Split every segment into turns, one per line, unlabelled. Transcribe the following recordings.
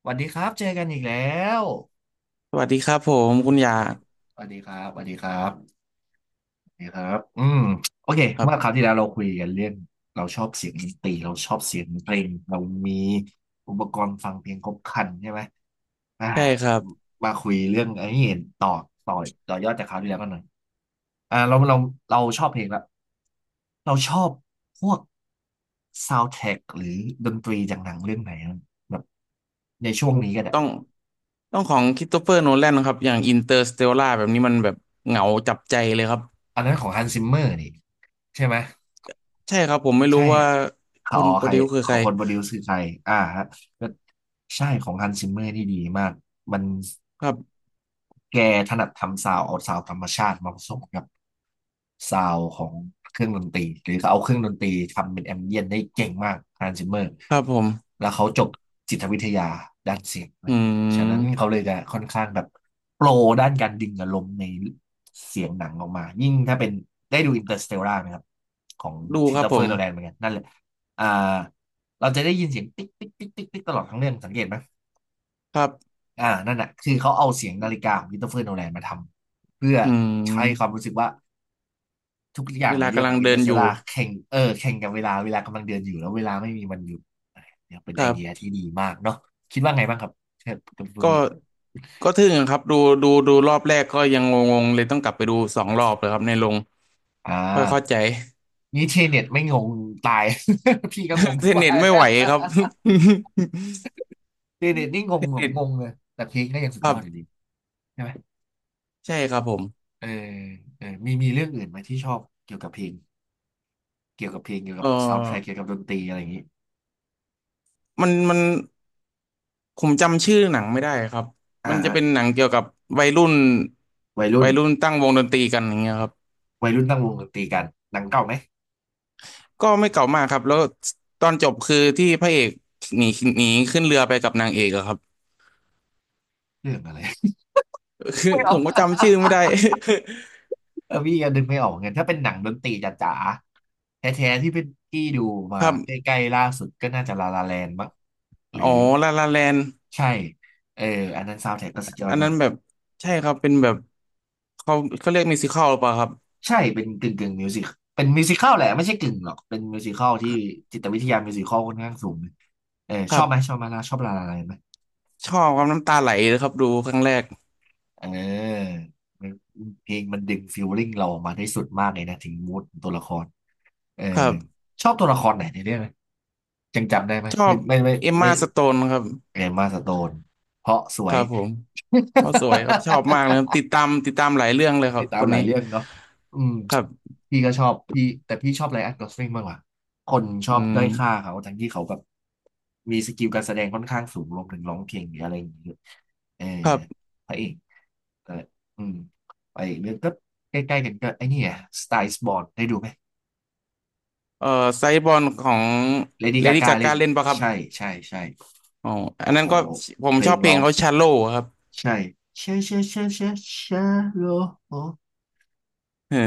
สวัสดีครับเจอกันอีกแล้ว
สวัสดีครับผมคุณยา
สวัสดีสวัสดีครับสวัสดีครับสวัสดีครับอืมโอเค
ครั
เมื่อครา
บ
วที่แล้วเราคุยกันเรื่อง เราชอบเสียงดนตรีเราชอบเสียงเพลงเรามีอุปกรณ์ฟังเพลงครบครันใช่ไหมอ่า
ใช่ครับ
มาคุยเรื่องไอ้นี่ต่อต่อต่อยอดจากคราวที่แล้วกันหน่อยอ่าเราชอบเพลงละ เราชอบพวกซาว n d t ท r a c k หรือดนตรีจากหนังเรื่องไหนอะแบบในช่วงนี้ก็ได้
ต้องต้องของคริสโตเฟอร์โนแลนครับอย่างอินเตอร์สเตลล่าแบบนี้มันแบบเหงาจับใจเลยครับ
อันนั้นของฮันซิมเมอร์นี่ใช่ไหม
ใช่ครับผมไม่รู้
ใช่
ว่าค
อ๋อ
นโป
ใค
ร
ร
ดิวคือ
ข
ใค
อ
ร
งคนโปรดิวซ์คือใครอ่าฮะก็ใช่ของฮันซิมเมอร์ที่ดีมากมัน
ครับ
แกถนัดทำซาวด์เอาซาวด์ธรรมชาติมาผสมกับ ซาวของเครื่องดนตรีหรือเขาเอาเครื่องดนตรีทำเป็นแอมเบียนได้เก่งมากฮันซิมเมอร์
ครับผม
แล้วเขาจบจิตวิทยาด้านเสียงเล
อื
ยฉะนั้นเขา
ม
เลยจะค่อนข้างแบบโปรด้านการดึงอารมณ์ในเสียงหนังออกมายิ่งถ้าเป็นได้ดูอินเตอร์สเตลล่าไหมครับของ
ดู
คริ
ค
ส
รั
โต
บผ
เฟอร์
ม
โนแลนเหมือนกันนั่นแหละอ่าเราจะได้ยินเสียงติ๊กติ๊กติ๊กติ๊กติ๊กตลอดทั้งเรื่องสังเกตไหม
ครับ
อ่านั่นแหะคือเขาเอาเสียงนาฬิกาของคริสโตเฟอร์โนแลนมาทำเพื่อ
อื
ให้ความ
ม
รู้สึกว่า ทุกอย่า
เว
งใน
ลา
เรื่อง
กำ
ข
ลั
อ
ง
งอิน
เดิ
เตอ
น
ร์เซ
อยู่
ลาแข่งเออแข่งกับเวลาเวลากำลังเดินอยู่แล้วเวลาไม่มีวันหยุดเนี่ยเป็น
ค
ไอ
รั
เดีย
บ
ที่ดีมากเนาะคิดว่าไงบ้างครับเชิญคุณฟู
ก็
มิ
ก็ทึ่งครับดูรอบแรกก็ยังงงๆเลยต้องกลับไปดูสองรอบเลยครับในโรง
อ่า
ค่อยเข้าใจ
นี่เทเน็ตไม่งงตาย พี่ก็งง
เทน
ไป
เน็ตไม่ไหวครับ
เทเน็ตนี่ง
เท
ง
น
แบบ
เน็ต
งงเลยแต่เพลงก็ยังสุด
ค
ย
รั
อ
บ
ดอยู่ดีใช่ไหม
ใช่ครับผม
เออเออมีเรื่องอื่นไหมที่ชอบเกี่ยวกับเพลงเกี่ยวกับเพลงเกี่ยวกั
เออ
บซาวด์แทร็กเกี่ยวกับดนตรีอะไรอย่างนี้
มันผมจำชื่อหนังไม่ได้ครับ
อ่า
มันจะ
ฮะ
เป็นหนังเกี่ยวกับวัยรุ่น
วัยรุ่น
ตั้งวงดนตรีกันอย่างเงี้ยครับ
วัยรุ่นตั้งวงดนตรีกันหนังเก่าไหม
ก็ไม่เก่ามากครับแล้วตอนจบคือที่พระเอกหนีหนีขึ้นเรือไปกับนางเอกอะครับ
เรื่องอะไร
คือ
ไม่เอา
ผม ก็จำชื่อไม่ได้
เออพี่ก็นึกไม่ออกเหมือนกันถ้าเป็นหนังดนตรีจ๋าๆแท้ๆที่เป็นพี่ดูมา
ครับ
ใกล้ๆล่าสุดก็น่าจะลาลาแลนด์มั้งหรื
อ๋
อ
อลาลาแลน
ใช่เอออันนั้นซาวด์แทร็กก็สุดยอ
อั
ด
น
มา
นั้
ก
นแบบใช่ครับเป็นแบบเขาเขาเรียกมิวสิคัลหรือเปล่าครับ
ใช่เป็นกึ่งกึ่งมิวสิคเป็นมิวสิคัลแหละไม่ใช่กึ่งหรอกเป็นมิวสิคัลที่จิตวิทยามิวสิคัลค่อนข้างสูงเลยเออ
ค
ช
รั
อบไหม
บ
ชอบไหมล่ะชอบลาลาแลนด์ไหม
ชอบความน้ำตาไหลเลยครับดูครั้งแรก
เออมันเพลงมันดึงฟีลลิ่งเราออกมาได้สุดมากเลยนะถึงมูดตัวละครเอ
ครั
อ
บ
ชอบตัวละครไหนในเรื่องไหมยังจำได้ไหม
ชอ
ไม่
บ
ไม่ไม่
เอม
ไม่
มาสโตนครับ
เอมมาสโตน เพราะส
ค
วย
รับผมเขา สวยครับชอบมากเลยครับติดตามหลายเรื่องเลยครั
ติ
บ
ดตา
ค
ม
น
หลา
นี้
ยเรื่องเนาะอืม
ครับ
พี่ก็ชอบพี่แต่พี่ชอบไรอันกอสลิงมากกว่า คนชอ
อื
บ
ม
ด้อยค่าเขาทั้งที่เขาแบบมีสกิลการแสดงค่อนข้างสูงรวมถึงร้องเพลงหรืออะไรอย่างเงี้ยเออ
ครับ
พระเอกเอออืมไปอีกเรื่องก็ใกล้ๆกันก็ไอ้นี่ไงสไตล์สบอร์นได้ดูไหม
เอ่อไซบอลของ
เลดี้
เล
กา
ดี้
กา
กา
เล่
กา
น
เล่นปะครับ
ใช่
อ๋ออัน
โอ้
นั้
โห
นก็ผม
เพล
ชอ
ง
บเพล
ร้อ
ง
ง
เขาชาโลครับ
ใช่เชเชเชเชเชโลโอ
เออ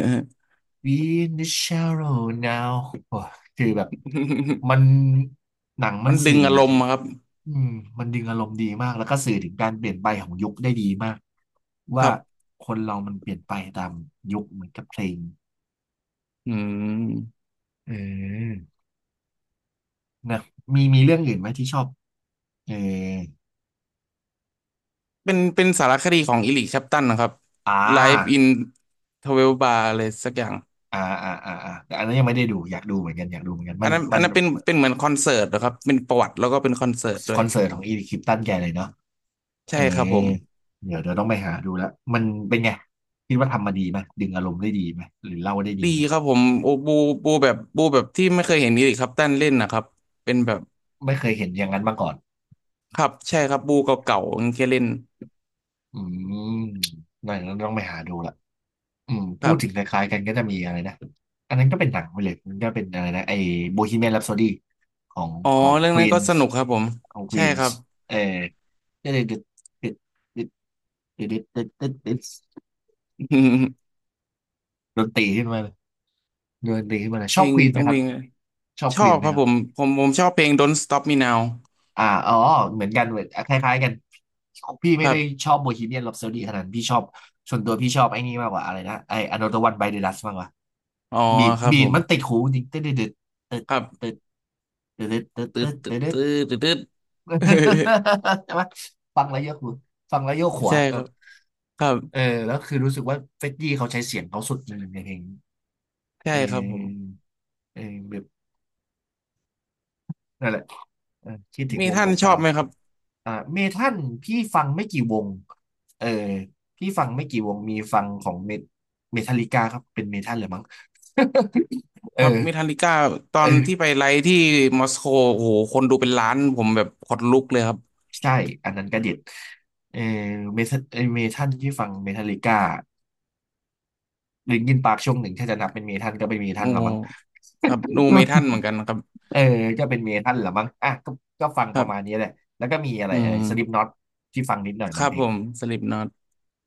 We in the shallow now โอ้คือแบบมันหนัง มั
มั
น
น
สื่
ดึง
อ
อารม
ถึ
ณ์
ง
อะครับ
อืมมันดึงอารมณ์ดีมาก แล้วก็สื่อถึงการเปลี่ยนไปของยุคได้ดีมาก
ค
ว่า
รับ
คนเรามันเปลี่ยนไปตามยุคเหมือนกับเพลง
อืม
เออนะมีเรื่องอื่นไหมที่ชอบเออ
เป็นสารคดีของอิลิชัปตันนะครับ
อ่
Live
า
in 12 Bar อะไรสักอย่าง
อ่าแต่อันนั้นยังไม่ได้ดูอยากดูเหมือนกันอยากดูเหมือนกันมั
อัน
น
นั้น
มั
อั
น
นนั้นเป็นเหมือนคอนเสิร์ตนะครับเป็นประวัติแล้วก็เป็นคอนเสิร์ตด้
ค
ว
อ
ย
นเสิร์ตของอีริคลิปตันแกเลยเนาะ เอ
ใช่
อ
ครับผม
เดี๋ยวเราต้องไปหาดูแล้วมันเป็นไงคิดว่าทำมาดีไหมดึงอารมณ์ได้ดีไหมหรือเล่าได้ดี
ดี
ไหม
ครับผมโอ้บูแบบบูแบบที่ไม่เคยเห็นอีริกคัปตันเล่นนะครับเป็นแบบ
ไม่เคยเห็นอย่างนั้นมาก่อน
ครับใช่ครับบูเก่าๆอย่างเงี้ยเล่น
อืมนั่ต้องไปหาดูและอ
ค
พู
รั
ดถึงค
บ
ล้ายๆกันก็จะมีอะไรนะอันนั้นก็เป็นหนังไปเลยมันก็เป็นอะไรนะไอ้โบฮีเมียนแรปโซดของ
อ๋อ
ของ
เรื่อ
ค
ง
วี
นั้น
น
ก็ส
ส์
นุกครับผม
ของควี
ใช่
น
ครั
ส์
บ
เออก็เลยดึดดึดดึดดึดดดดดดดดด ดนตรีขึ้นมาดนตรีขึ้นมาช
เพ
อ
ล
บ
ง
ควีนไหม
ต้อง
ค
เพ
รับ
ลง
ชอบ
ช
ค
อ
วี
บ
นไหม
ครับ
ครั
ผ
บ
มผมชอบเพลง Don't Stop Me Now
อ่าอ๋อเหมือนกันเหมือนคล้ายๆกัน พี่
ค
ไม่
รั
ได้ช
บ
อบโบฮีเมียน h ร p ปโซดีขนาดนั้นพี่ชอบส่วนตัวพี่ชอบไอ้นี่มากกว่าอะไรนะไอ้อ o t h e r One by the Dust มากกว่า
อ๋อ
บีด
ครับ
บี
ผ
ด
ม
มันติดหูจริงตึ๊ดตึ๊ดตึ๊ด
ครั
ตึ๊
บ
ดตึ๊ดตึ๊ด
ตื
ตึ๊
ด
ด
ตืด
ตึ๊ดตึ๊ด
ตืดตืด
ใช่ไหมฟังแล้วโยกหูฟังแล้วโยกหัว
ใช่
แบ
ครั
บ
บครับ
เออแล้วคือรู้สึกว่าเฟดดี้เขาใช้เสียงเขาสุดจริงในเพลง
ใช่
เอ
ครับผม
อเออแบบหล เออคิดถึง
มี
วง
ท่านชอ
เก่า
บไหมครับ
ๆอ่าเมทัลพี่ฟังไม่กี่วงเออพี่ฟังไม่กี่วงมีฟังของเมทัลลิกาครับเป็นเมทัลเลยมั้ง
ครับเม
เออ
ทัลลิก้าตอนที่
เออ
ไปไลฟ์ที่มอสโกโอ้โหคนดูเป็นล้านผมแบบขนลุกเลยครับ
ใช่อันนั้นก็เด็ดเออเมทัลเออเมทัลที่ฟังเมทัลลิก้าลินคินปาร์คช่วงหนึ่งถ้าจะนับเป็นเมทัลก็เป็นเมทั
โอ้
ลละ
โห
มั้ง
ครับดูเมทัลเหมือนกันครับ
เออก็เป็นเมทัลละมั้งอ่ะก็ก็ฟัง
ค
ป
รั
ระมาณ
บ
นี้แหละแล้วก็มีอะไร
อื
เออ
ม
สลิปน็อตที่ฟังนิดหน่อย
ค
บาง
รับ
เพล
ผ
ง
มสลิปน็อต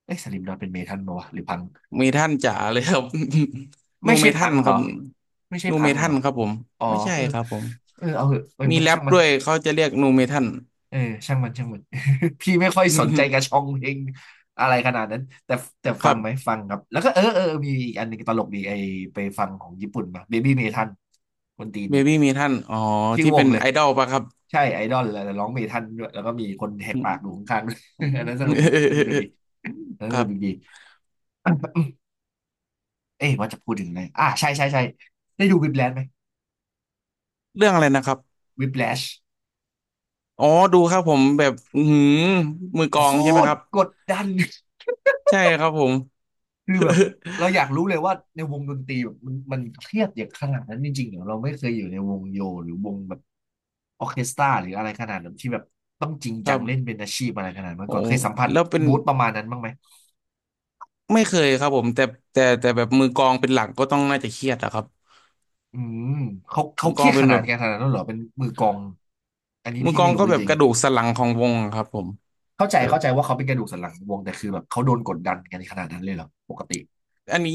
เอ้ยสลิปน็อตเป็นเมทัลปะวะหรือพัง
เมทัลจ๋าเลยครับ นู
ไม่ใช่
เมทั
พั
ล
งเหร
ครั
อ
บ
ไม่ใช่
นู
พั
เม
งเห
ทั
ร
ล
อ
ครับผม
อ๋อ
ไม่ใช่
เออ
ครับผม
เออเอาเหอะเออ
มีแร
ช่า
ป
งมัน
ด้วยเขาจะเรียกนูเมทัล
เออช่างมันช่างมัน พี่ไม่ค่อยสนใจกระชอ งเพลงอะไรขนาดนั้นแต่แต่
ค
ฟั
รั
งไหม
บ
ฟังครับแล้วก็เออเออมีอีกอันหนึงตลกดีไอไปฟังของญี่ปุ่นมา Baby m e t ั l คนตีน
เบ
ดี
บี้เมทัลอ๋อ
ชื่อ
ที่
ว
เป็
ง
น
เลย
ไอดอลปะครับ
ใช่ไอดอลแล้วแต่ร้องเมทัลด้วยแล้วก็มีคนแหกปากดู ข้างๆด้วย อันนั้นสนุกดีอันนั้นสนุกดีอันนั้
ค
นส
รั
นุกดี
บ
เอ๊ะว่าจะพูดถึงอะไรอ่ะใช่ใช่ใช่ได้ดูวิ p แลชไหม
เรื่องอะไรนะครับ
วิ p แลช
อ๋อดูครับผมแบบอื้อหือมือกล
โค
องใช่ไหม
ต
ค
ร
รับ
กดดัน
ใช่ครับผม
คือแบบเราอยากรู้เลยว่าในวงดนตรีแบบมันเครียดอย่างขนาดนั้นจริงๆเหรอเราไม่เคยอยู่ในวงโยหรือวงแบบออร์เคสตราหรืออะไรขนาดนั้นที่แบบต้องจริง
ค
จั
รั
ง
บ
เล่นเป็นอาชีพอะไรขนาดนั้นมา
โอ้
ก่อนเคยสัมผัส
แล้วเป็น
บูธประมาณนั้นบ้างไหม
ไม่เคยครับผมแต่แต่แบบมือกลองเป็นหลักก็ต้องน่าจะเครียดอะครับ
อืมเขา
มือ
เค
กล
รี
อง
ยด
เป็
ข
น
นา
แบ
ด
บ
กันขนาดนั้นเหรอเป็นมือกลองอันนี้
มือ
พี่
กลอ
ไม่
ง
รู้
ก็แบบ
จริง
กระดูกสันหลังของวงอะครับผม
ๆเข้าใจ
แบบ
เข้าใจว่าเขาเป็นกระดูกสันหลังของวงแต่คือแบบเขาโดนกดดันกันขนาดนั้นเลยเหรอปกติ
อันนี้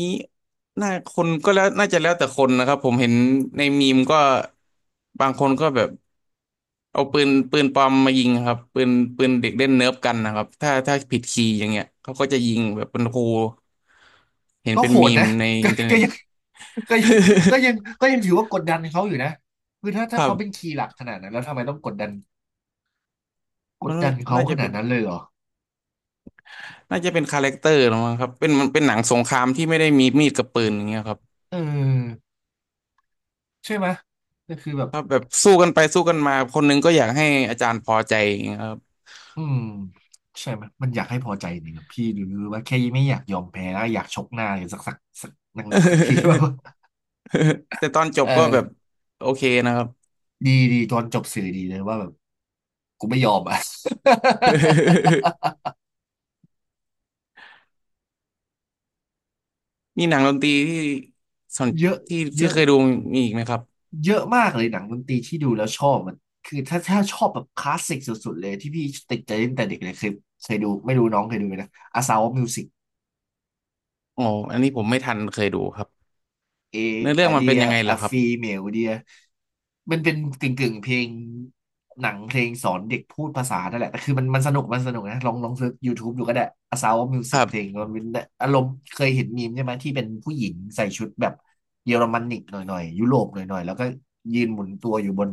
น่าคนก็แล้วน่าจะแล้วแต่คนนะครับผมเห็นในมีมก็บางคนก็แบบ เอาปืนปลอมมายิงครับปืนเด็กเล่นเนิร์ฟกันนะครับถ้าผิดคีย์อย่างเงี้ยเขาก็จะยิงแบบเป็นครูเห็น
ก็
เป็น
โห
มี
ด
ม
นะ
ใน
ก็
อินเทอร์
ก็
เน็ต
ยังก็ยังก็ยัง ก็ยังถือว่ากดดันเขาอยู่นะคือถ้า
ค
ถ้า
รั
เขาเป็น
บ
คีย์หลักขนาดนั้นแล้วทำไมต้องกดดันก
มั
ด
น
ดันเขา
น่า
ข
จะ
นา
เป็
ด
น
นั้นเลยเหรอ
น่าจะเป็นคาแรคเตอร์หรือมั้งครับเป็นมันเป็นหนังสงครามที่ไม่ได้มีมีดกับปืนอย่างเงี้ยครับ
เออใช่ไหมก็คือแบบ
ถ้าแบบสู้กันไปสู้กันมาคนหนึงก็อยากให้อาจารย์พอใจอย่างเงี้ยครับ
อืมใช่ไหมมันอยากให้พอใจนี่ครับพี่หรือว่าแค่ไม่อยากยอมแพ้แล้วอยากชกหน้าอย่างสักหนักๆสักทีว่า
แต่ตอนจ บก็
เออ
แบบโอเคนะครับ
ดีดีตอนจบสื่อดีเลยว่าแบบกูไม่ยอมอ่ะ
มีหนังดนตรีที่สน
เยอะ
ที่
เย
ที่
อะ
เคยดูมีอีกไหมครับ
เยอะมากเลยหนังดนตรีที่ดูแล้วชอบมันคือถ้าชอบแบบคลาสสิกสุดๆเลยที่พี่ติดใจตั้งแต่เด็กเลยเคยดูไม่รู้น้องเคยดูไหมนะอาซาวมิวสิก
โอ้อันนี้ผมไม่ทันเคยดูครับ
เอ
เนื้อเรื่อ
อะ
งมัน
เดี
เป็น
ย
ยังไงเหร
อะ
อครับ
ฟีเหมลเดียมันเป็นกึ่งกึ่งเพลงหนังเพลงสอนเด็กพูดภาษานั่นแหละแต่คือมันมันสนุกมันสนุกนะลองลองเซิร์ช YouTube ดูก็ได้ A Sound of
ค
Music
รั
เพลง
บ
มันเป็นอารมณ์เคยเห็นมีมใช่ไหมที่เป็นผู้หญิงใส่ชุดแบบเยอรมันนิกหน่อยหน่อยยุโรปหน่อยหน่อยแล้วก็ยืนหมุนตัวอยู่บน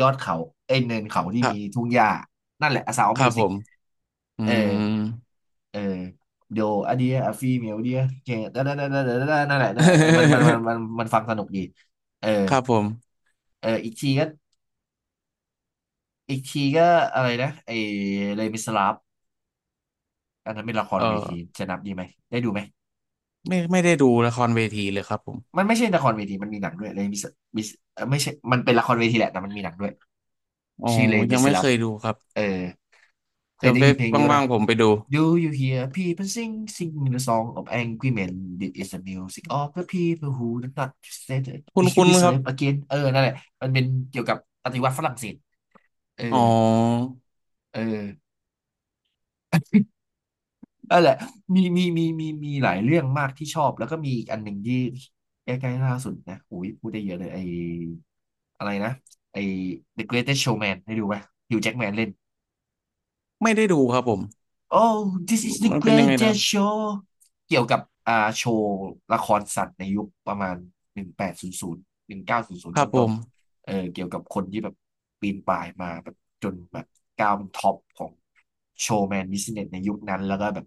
ยอดเขาเอ้ยเนินเขาที่
ครั
มี
บ
ทุ่งหญ้านั่นแหละ A Sound
ค
of
รับผ
Music
มอื
เออ
ม
เออ เดี๋ยวอันเดียอะฟีเมลเดียเจนั่นแหละนั่นแหละเออมันมันมัน มันมันฟังสนุกดีเออ
ครับผม
เอออีกทีก็อีกทีก็อะไรนะไอเลมิสลาฟอันนั้นเป็นละคร
เอ
เวที
อ
จะนับดีไหมได้ดูไหม
ไม่ได้ดูละครเวทีเลยครับผม
มันไม่ใช่ละครเวทีมันมีหนังด้วยเลมิสมิสเออไม่ใช่มันเป็นละครเวทีแหละแต่มันมีหนังด้วย
อ๋อ
ชื่อเลมิ
ยัง
ส
ไม่
ลา
เค
ฟ
ยดูครับ
เออเค
เดี๋
ย
ยว
ได้
เว็
ยิน
บ
เพลงนี้ป่ะ
ว่า
นะ
งๆผมไปดู
Do you hear people sing, sing the song of angry men? This is the music of the people who do not say t h t
คุ
we
ณคุ
should
ณ
be
ครับ
slave again. เออนั่นแหละมันเป็นเกี่ยวกับปฏิวัติฝรั่งเศสเออ
อ๋อ
เออนั่นแหละมีหลายเรื่องมากที่ชอบแล้วก็มีอีกอันหนึ่งที่ใกล้ๆล่าสุดนะโอ้ยพูดได้เยอะเลยไออะไรนะไอ The Greatest Showman ได้ดูไหมฮิวแจ็คแมนเล่น
ไม่ได้ดูครับผม
Oh this is the
มันเป็นยังไงนะครับ
greatest show เกี่ยวกับอ่าโชว์ละครสัตว์ในยุคประมาณ1800หนึ่งเก้าศูนย์ศูน
ค
ย์
รับผ
ต้น
ม
ๆเออเกี่ยวกับคนที่แบบปีนป่ายมาแบบจนแบบก้าวเป็นท็อปของโชว์แมนบิสเนสในยุคนั้นแล้วก็แบบ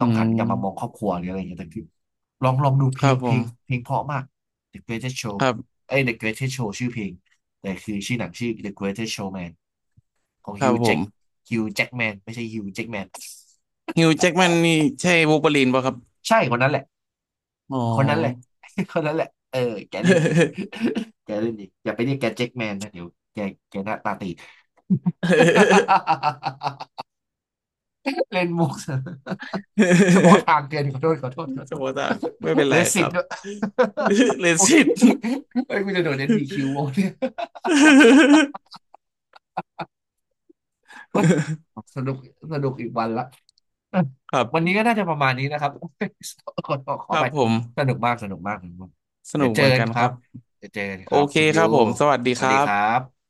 ต้
อื
องหันกลับมามองค
ม
รอบครัวหรืออะไรอย่างเงี้ยแต่คือลองลองดูเพ
ค
ล
รับ
ง
ผ
เพล
ม
งเพลงเพราะมาก The Greatest Show
ครับ
เอ้ย The Greatest Show ชื่อเพลงแต่คือชื่อหนังชื่อ The Greatest Showman ของ
ครับ
Hugh
ผ
Jack
ม
Hugh Jackman ไม่ใช่ Hugh Jackman
ฮิวแจ็กแมนนี่ใช่วูล์ฟเวอรีนป่ะครับ
ใช่คนนั้นแหละ
อ๋อ
คนนั้นแหละ คนนั้นแหละเออแกเล่นดี แกเล่นดีอย่าไปเรียกแกแจ็คแมนนะเดี๋ยวแกแกหน้าตาตี เล่นมุก เฉพาะทาง เกินขอโทษขอโทษขอ
ส
โท
ม
ษ
มติว่าไม่เป็น
เล
ไรค
สิ
รั
ต
บ
ด้วย
เล
โอ๊ย
สิต
เฮ้ยกูจะโดนNBQโว้ยเนี่ย โอ๊ย สนุกสนุกอีกวันละ
ครั
วันนี้
บ
ก็น่าจะประมาณนี้นะครับ ขอข
ค
อ
รั
ไป
บผม
สนุกมากสนุกมากสนุกมาก
ส
เดี๋
นุ
ย
ก
วเจ
เห
อ
มือน
กัน
กัน
ค
ค
รั
รั
บ
บ
เดี๋ยวเจอกันค
โอ
รับ
เค
คุณ
ค
ยู
รับผมสวัสดี
ส
ค
วัส
รั
ดีค
บ
รับ